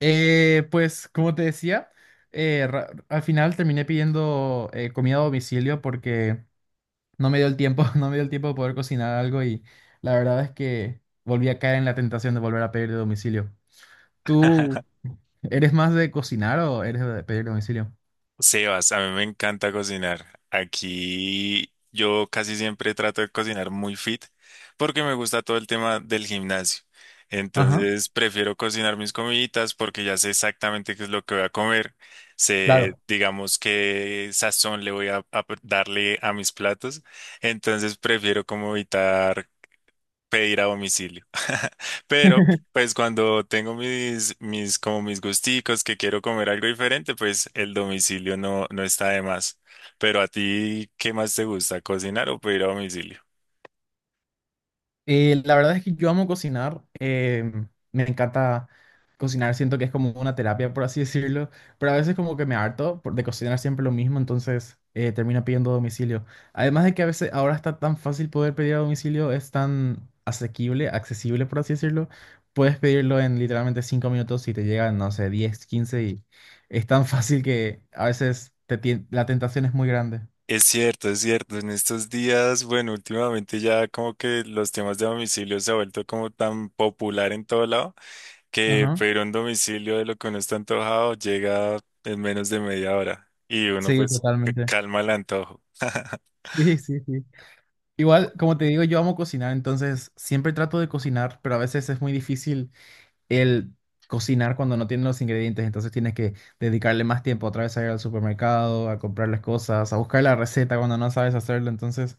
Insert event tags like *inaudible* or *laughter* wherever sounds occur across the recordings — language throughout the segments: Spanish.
Pues como te decía, al final terminé pidiendo comida a domicilio porque no me dio el tiempo, *laughs* no me dio el tiempo de poder cocinar algo y la verdad es que volví a caer en la tentación de volver a pedir de domicilio. ¿Tú *laughs* eres más de cocinar o eres de pedir de domicilio? Sebas, a mí me encanta cocinar. Aquí yo casi siempre trato de cocinar muy fit porque me gusta todo el tema del gimnasio. Ajá, Entonces prefiero cocinar mis comiditas porque ya sé exactamente qué es lo que voy a comer. Sé, claro. digamos, qué sazón le voy a darle a mis platos. Entonces prefiero como evitar pedir a domicilio. *laughs* Pero, pues cuando tengo como mis gusticos que quiero comer algo diferente, pues el domicilio no está de más. Pero a ti, ¿qué más te gusta, cocinar o pedir a domicilio? La verdad es que yo amo cocinar, me encanta cocinar, siento que es como una terapia, por así *laughs* decirlo, pero a veces como que de cocinar siempre lo mismo, entonces termino pidiendo a domicilio. Además de que a veces ahora está tan fácil poder pedir a domicilio, es tan asequible, accesible, por así decirlo, puedes pedirlo en literalmente 5 minutos y te llegan, no sé, 10 15 y es tan fácil que a veces te tien- la tentación es muy grande. Es cierto, es cierto. En estos días, bueno, últimamente ya como que los temas de domicilio se ha vuelto como tan popular en todo lado que Ajá. pedir un domicilio de lo que uno está antojado llega en menos de media hora y uno Sí, pues totalmente. *laughs* calma el antojo. Sí, sí, sí. Igual, como te digo, yo amo cocinar, entonces siempre trato de cocinar, pero a veces es muy difícil el cocinar cuando no tienes los ingredientes, entonces tienes que dedicarle más tiempo otra vez a ir al supermercado, a comprar las cosas, a buscar la receta cuando no sabes hacerlo, entonces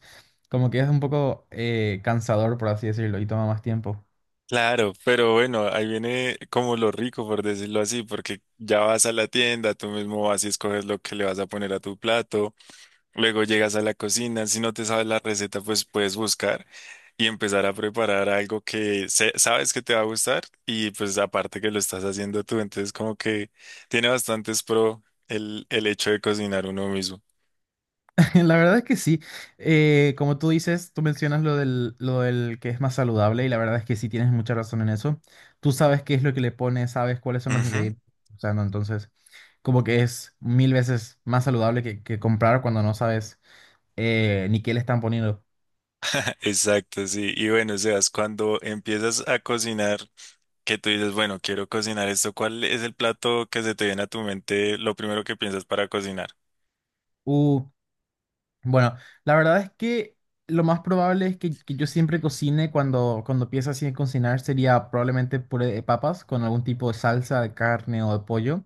como que es un poco cansador, por así decirlo, y toma más tiempo. Claro, pero bueno, ahí viene como lo rico, por decirlo así, porque ya vas a la tienda, tú mismo vas y escoges lo que le vas a poner a tu plato, luego llegas a la cocina, si no te sabes la receta, pues puedes buscar y empezar a preparar algo que sabes que te va a gustar y pues aparte que lo estás haciendo tú, entonces como que tiene bastantes pro el hecho de cocinar uno mismo. *laughs* La verdad es que sí, como tú dices, tú mencionas lo del que es más saludable y la verdad es que sí tienes mucha razón en eso. Tú sabes qué es lo que le pones, sabes cuáles son los Ujú. ingredientes, o sea, no, entonces, como que es mil veces más saludable que comprar cuando no sabes ni qué le están poniendo. *laughs* Exacto, sí. Y bueno, Sebas, cuando empiezas a cocinar, que tú dices, bueno, quiero cocinar esto, ¿cuál es el plato que se te viene a tu mente lo primero que piensas para cocinar? Uh, bueno, la verdad es que lo más probable es que yo siempre cocine cuando, cuando empiezo así a cocinar sería probablemente puré de papas con algún tipo de salsa de carne o de pollo,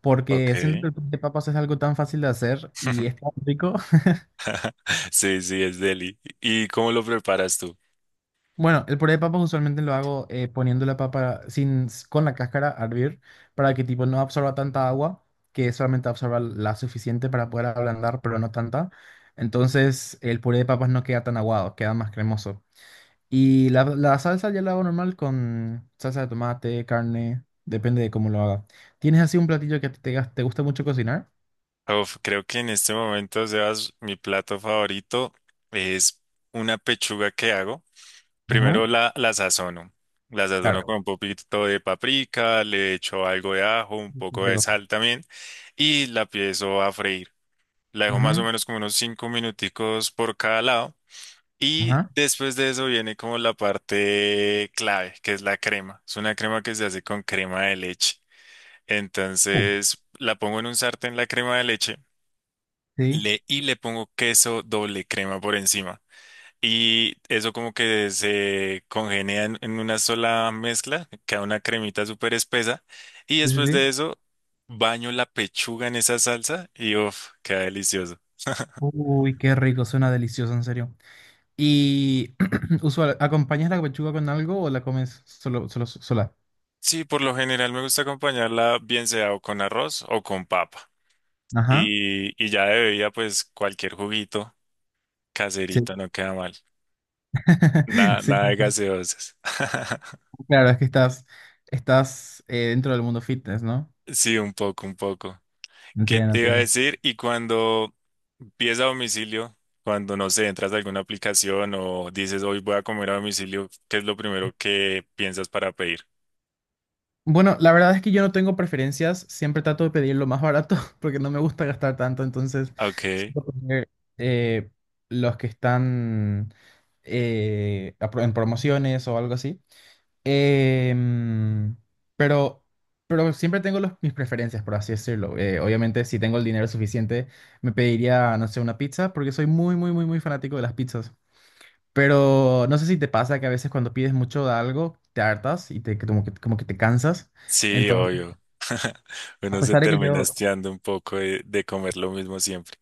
porque siento Ok. que el puré de papas es algo tan fácil de hacer y es *laughs* tan rico. Sí, sí, es deli. ¿Y cómo lo preparas tú? Bueno, el puré de papas usualmente lo hago poniendo la papa sin, s- con la cáscara a hervir para que tipo no absorba tanta agua, que solamente absorba la suficiente para poder ablandar, pero no tanta. Entonces el puré de papas no queda tan aguado, queda más cremoso. Y la salsa ya la hago normal con salsa de tomate, carne, depende de cómo lo haga. ¿Tienes así un platillo que a ti te, gas- te gusta mucho cocinar? Uf, creo que en este momento, Sebas, mi plato favorito es una pechuga que hago. Primero Ajá, la sazono. La sazono con claro. un poquito de paprika, le echo algo de ajo, un Sí, qué poco de rico. sal también y la empiezo a freír. La dejo más o Ujú. menos como unos 5 minuticos por cada lado. Y Ajá. después de eso viene como la parte clave, que es la crema. Es una crema que se hace con crema de leche. Uh. Entonces la pongo en un sartén la crema de leche Sí, y le pongo queso doble crema por encima. Y eso como que se congenia en una sola mezcla, queda una cremita súper espesa. Y sí, sí, después de sí. eso baño la pechuga en esa salsa y uff, queda delicioso. Uy, qué rico, suena delicioso, en serio. Y *clears throat* ¿acompañas la pechuga con algo o la comes solo, solo, sola? Sí, por lo general me gusta acompañarla bien sea o con arroz o con papa. Ajá. Y, y ya de bebida, pues cualquier juguito Sí. caserito no queda mal. *laughs* Nada, Sí, nada de sí, sí. gaseosas. *laughs* Claro, es que estás dentro del mundo fitness, ¿no? Sí, un poco, un poco. ¿Qué Entiendo, te iba a entiendo. decir? Y cuando pides a domicilio, cuando no sé, entras a alguna aplicación o dices hoy voy a comer a domicilio, ¿qué es lo primero que piensas para pedir? Bueno, la verdad es que yo no tengo preferencias, siempre trato de pedir lo más barato *laughs* porque no me gusta gastar tanto, entonces Ok, suelo comer, eh, los que están en promociones o algo así. Em, pero, pero siempre mis preferencias, por así decirlo. Obviamente, si tengo el dinero suficiente, me pediría, no sé, una pizza, porque soy muy, muy, muy, muy fanático de las pizzas. Pero no sé si te pasa que a veces cuando pides mucho de algo, te hartas y te, como que te cansas. sí, Entonces, obvio. *laughs* a Uno se pesar de que termina yo, hastiando un poco de comer lo mismo siempre.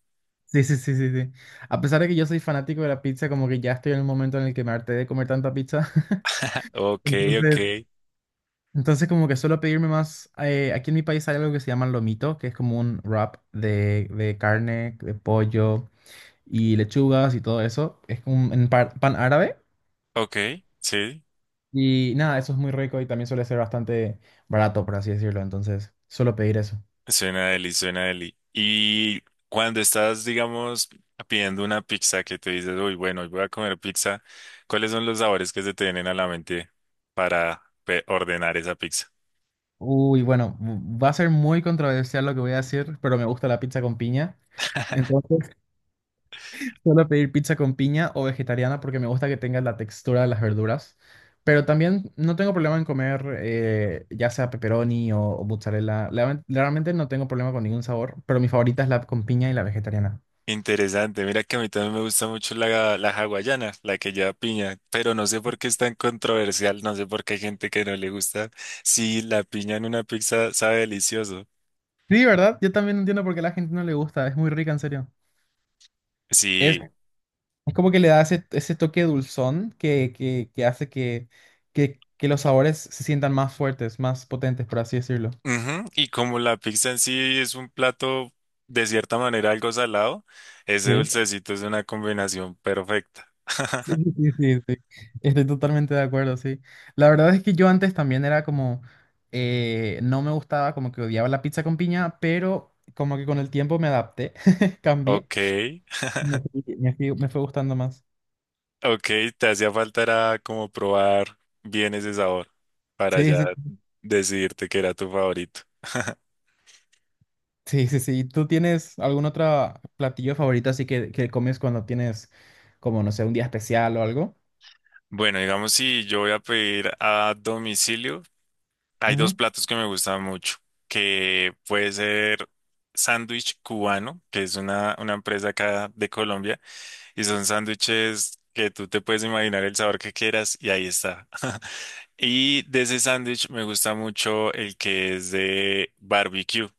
sí, sí, sí, sí, sí, a pesar de que yo soy fanático de la pizza, como que ya estoy en un momento en el que me harté de comer tanta pizza. *laughs* *laughs* Ok, ok, Entonces, entonces como que suelo pedirme más, aquí en mi país hay algo que se llama lomito, que es como un wrap de carne, de pollo y lechugas y todo eso. Es como pan árabe ok, sí. y nada, eso es muy rico y también suele ser bastante barato, por así decirlo. Entonces suelo pedir eso. Suena deli, suena deli. Y cuando estás, digamos, pidiendo una pizza que te dices, uy, bueno, hoy voy a comer pizza, ¿cuáles son los sabores que se te vienen a la mente para ordenar esa pizza? Uy, bueno, va a ser muy controversial lo que voy a decir, pero me gusta la pizza con piña. Entonces suelo pedir pizza con piña o vegetariana porque me gusta que tenga la textura de las verduras. Pero también no tengo problema en comer ya sea pepperoni o mozzarella. Realmente no tengo problema con ningún sabor, pero mi favorita es la con piña y la vegetariana. Interesante, mira que a mí también me gusta mucho la hawaiana, la que lleva piña, pero no sé por qué es tan controversial, no sé por qué hay gente que no le gusta. Sí, la piña en una pizza sabe delicioso. Sí, ¿verdad? Yo también entiendo por qué a la gente no le gusta. Es muy rica, en serio. Es, Sí. es como que le da ese, ese toque dulzón que hace que los sabores se sientan más fuertes, más potentes, por así decirlo. Ujú, y como la pizza en sí es un plato de cierta manera algo salado, ese Sí. dulcecito es una combinación perfecta. Sí, *laughs* sí, sí, sí, sí. Estoy totalmente de acuerdo, sí. La verdad es que yo antes también era como, no me gustaba, como que odiaba la pizza con piña, pero como que con el tiempo me adapté, *laughs* cambié. Ok, Me fue gustando más. ok, te hacía falta era como probar bien ese sabor para Sí, ya sí, decidirte que era tu favorito. *laughs* sí, sí, sí. ¿Tú tienes algún otro platillo favorito así que comes cuando tienes, como, no sé, un día especial o algo? Bueno, digamos si yo voy a pedir a domicilio, hay dos Ujú. platos que me gustan mucho, que puede ser sándwich cubano, que es una empresa acá de Colombia. Y son sándwiches que tú te puedes imaginar el sabor que quieras y ahí está. *laughs* Y de ese sándwich me gusta mucho el que es de barbecue.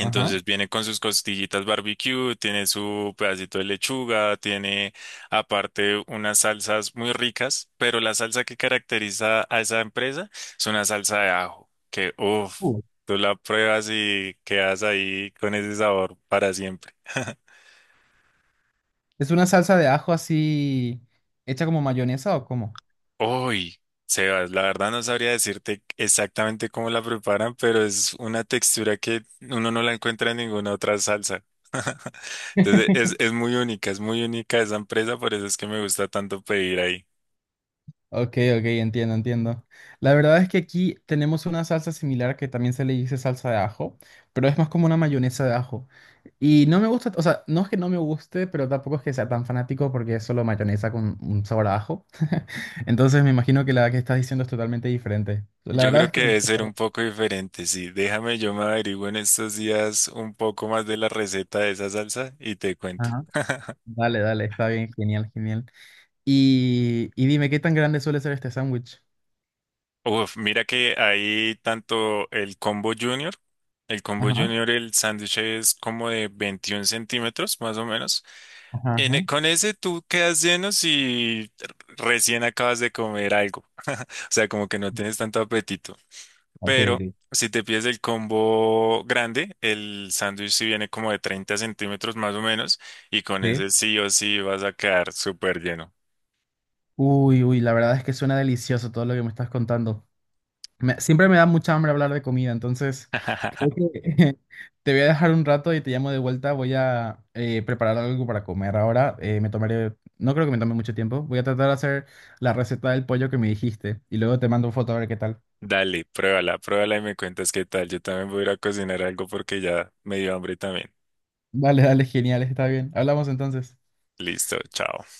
Ajá. viene con sus costillitas barbecue, tiene su pedacito de lechuga, tiene aparte unas salsas muy ricas, pero la salsa que caracteriza a esa empresa es una salsa de ajo, que uff, Uh. tú la pruebas y quedas ahí con ese sabor para siempre. ¿Es una salsa de ajo así hecha como mayonesa o cómo? Uy, Sebas, la verdad no sabría decirte exactamente cómo la preparan, pero es una textura que uno no la encuentra en ninguna otra salsa. *laughs* Entonces es muy única, es muy única esa empresa, por eso es que me gusta tanto pedir ahí. Ok, ok, entiendo, entiendo. La verdad es que aquí tenemos una salsa similar que también se le dice salsa de ajo, pero es más como una mayonesa de ajo. Y no me gusta, o sea, no es que no me guste, pero tampoco es que sea tan fanático porque es solo mayonesa con un sabor a ajo. *laughs* Entonces me imagino que la que estás diciendo es totalmente diferente. La Yo verdad creo es que que... debe ser un poco diferente, sí. Déjame, yo me averiguo en estos días un poco más de la receta de esa salsa y te cuento. Ajá. Dale, dale, está bien, genial, genial. Y dime, ¿qué tan grande suele ser este sándwich? Uf, mira que hay tanto el combo junior, el combo Ajá, junior, el sándwich es como de 21 centímetros más o menos. ajá, ajá. Con ese tú quedas lleno si recién acabas de comer algo, *laughs* o sea, como que no tienes tanto apetito. Ok, Pero ok. si te pides el combo grande, el sándwich sí viene como de 30 centímetros más o menos y con Sí. ese sí o sí vas a quedar súper lleno. Uy, uy, la verdad es que suena delicioso todo lo que me estás contando. Siempre me da mucha hambre hablar de comida, entonces creo *laughs* que *laughs* te voy a dejar un rato y te llamo de vuelta. Voy a preparar algo para comer ahora. Me tomaré, no creo que me tome mucho tiempo. Voy a tratar de hacer la receta del pollo que me dijiste y luego te mando foto a ver qué tal. Dale, pruébala, pruébala y me cuentas qué tal. Yo también voy a ir a cocinar algo porque ya me dio hambre también. Dale, dale, genial, está bien. Hablamos entonces. Listo, chao.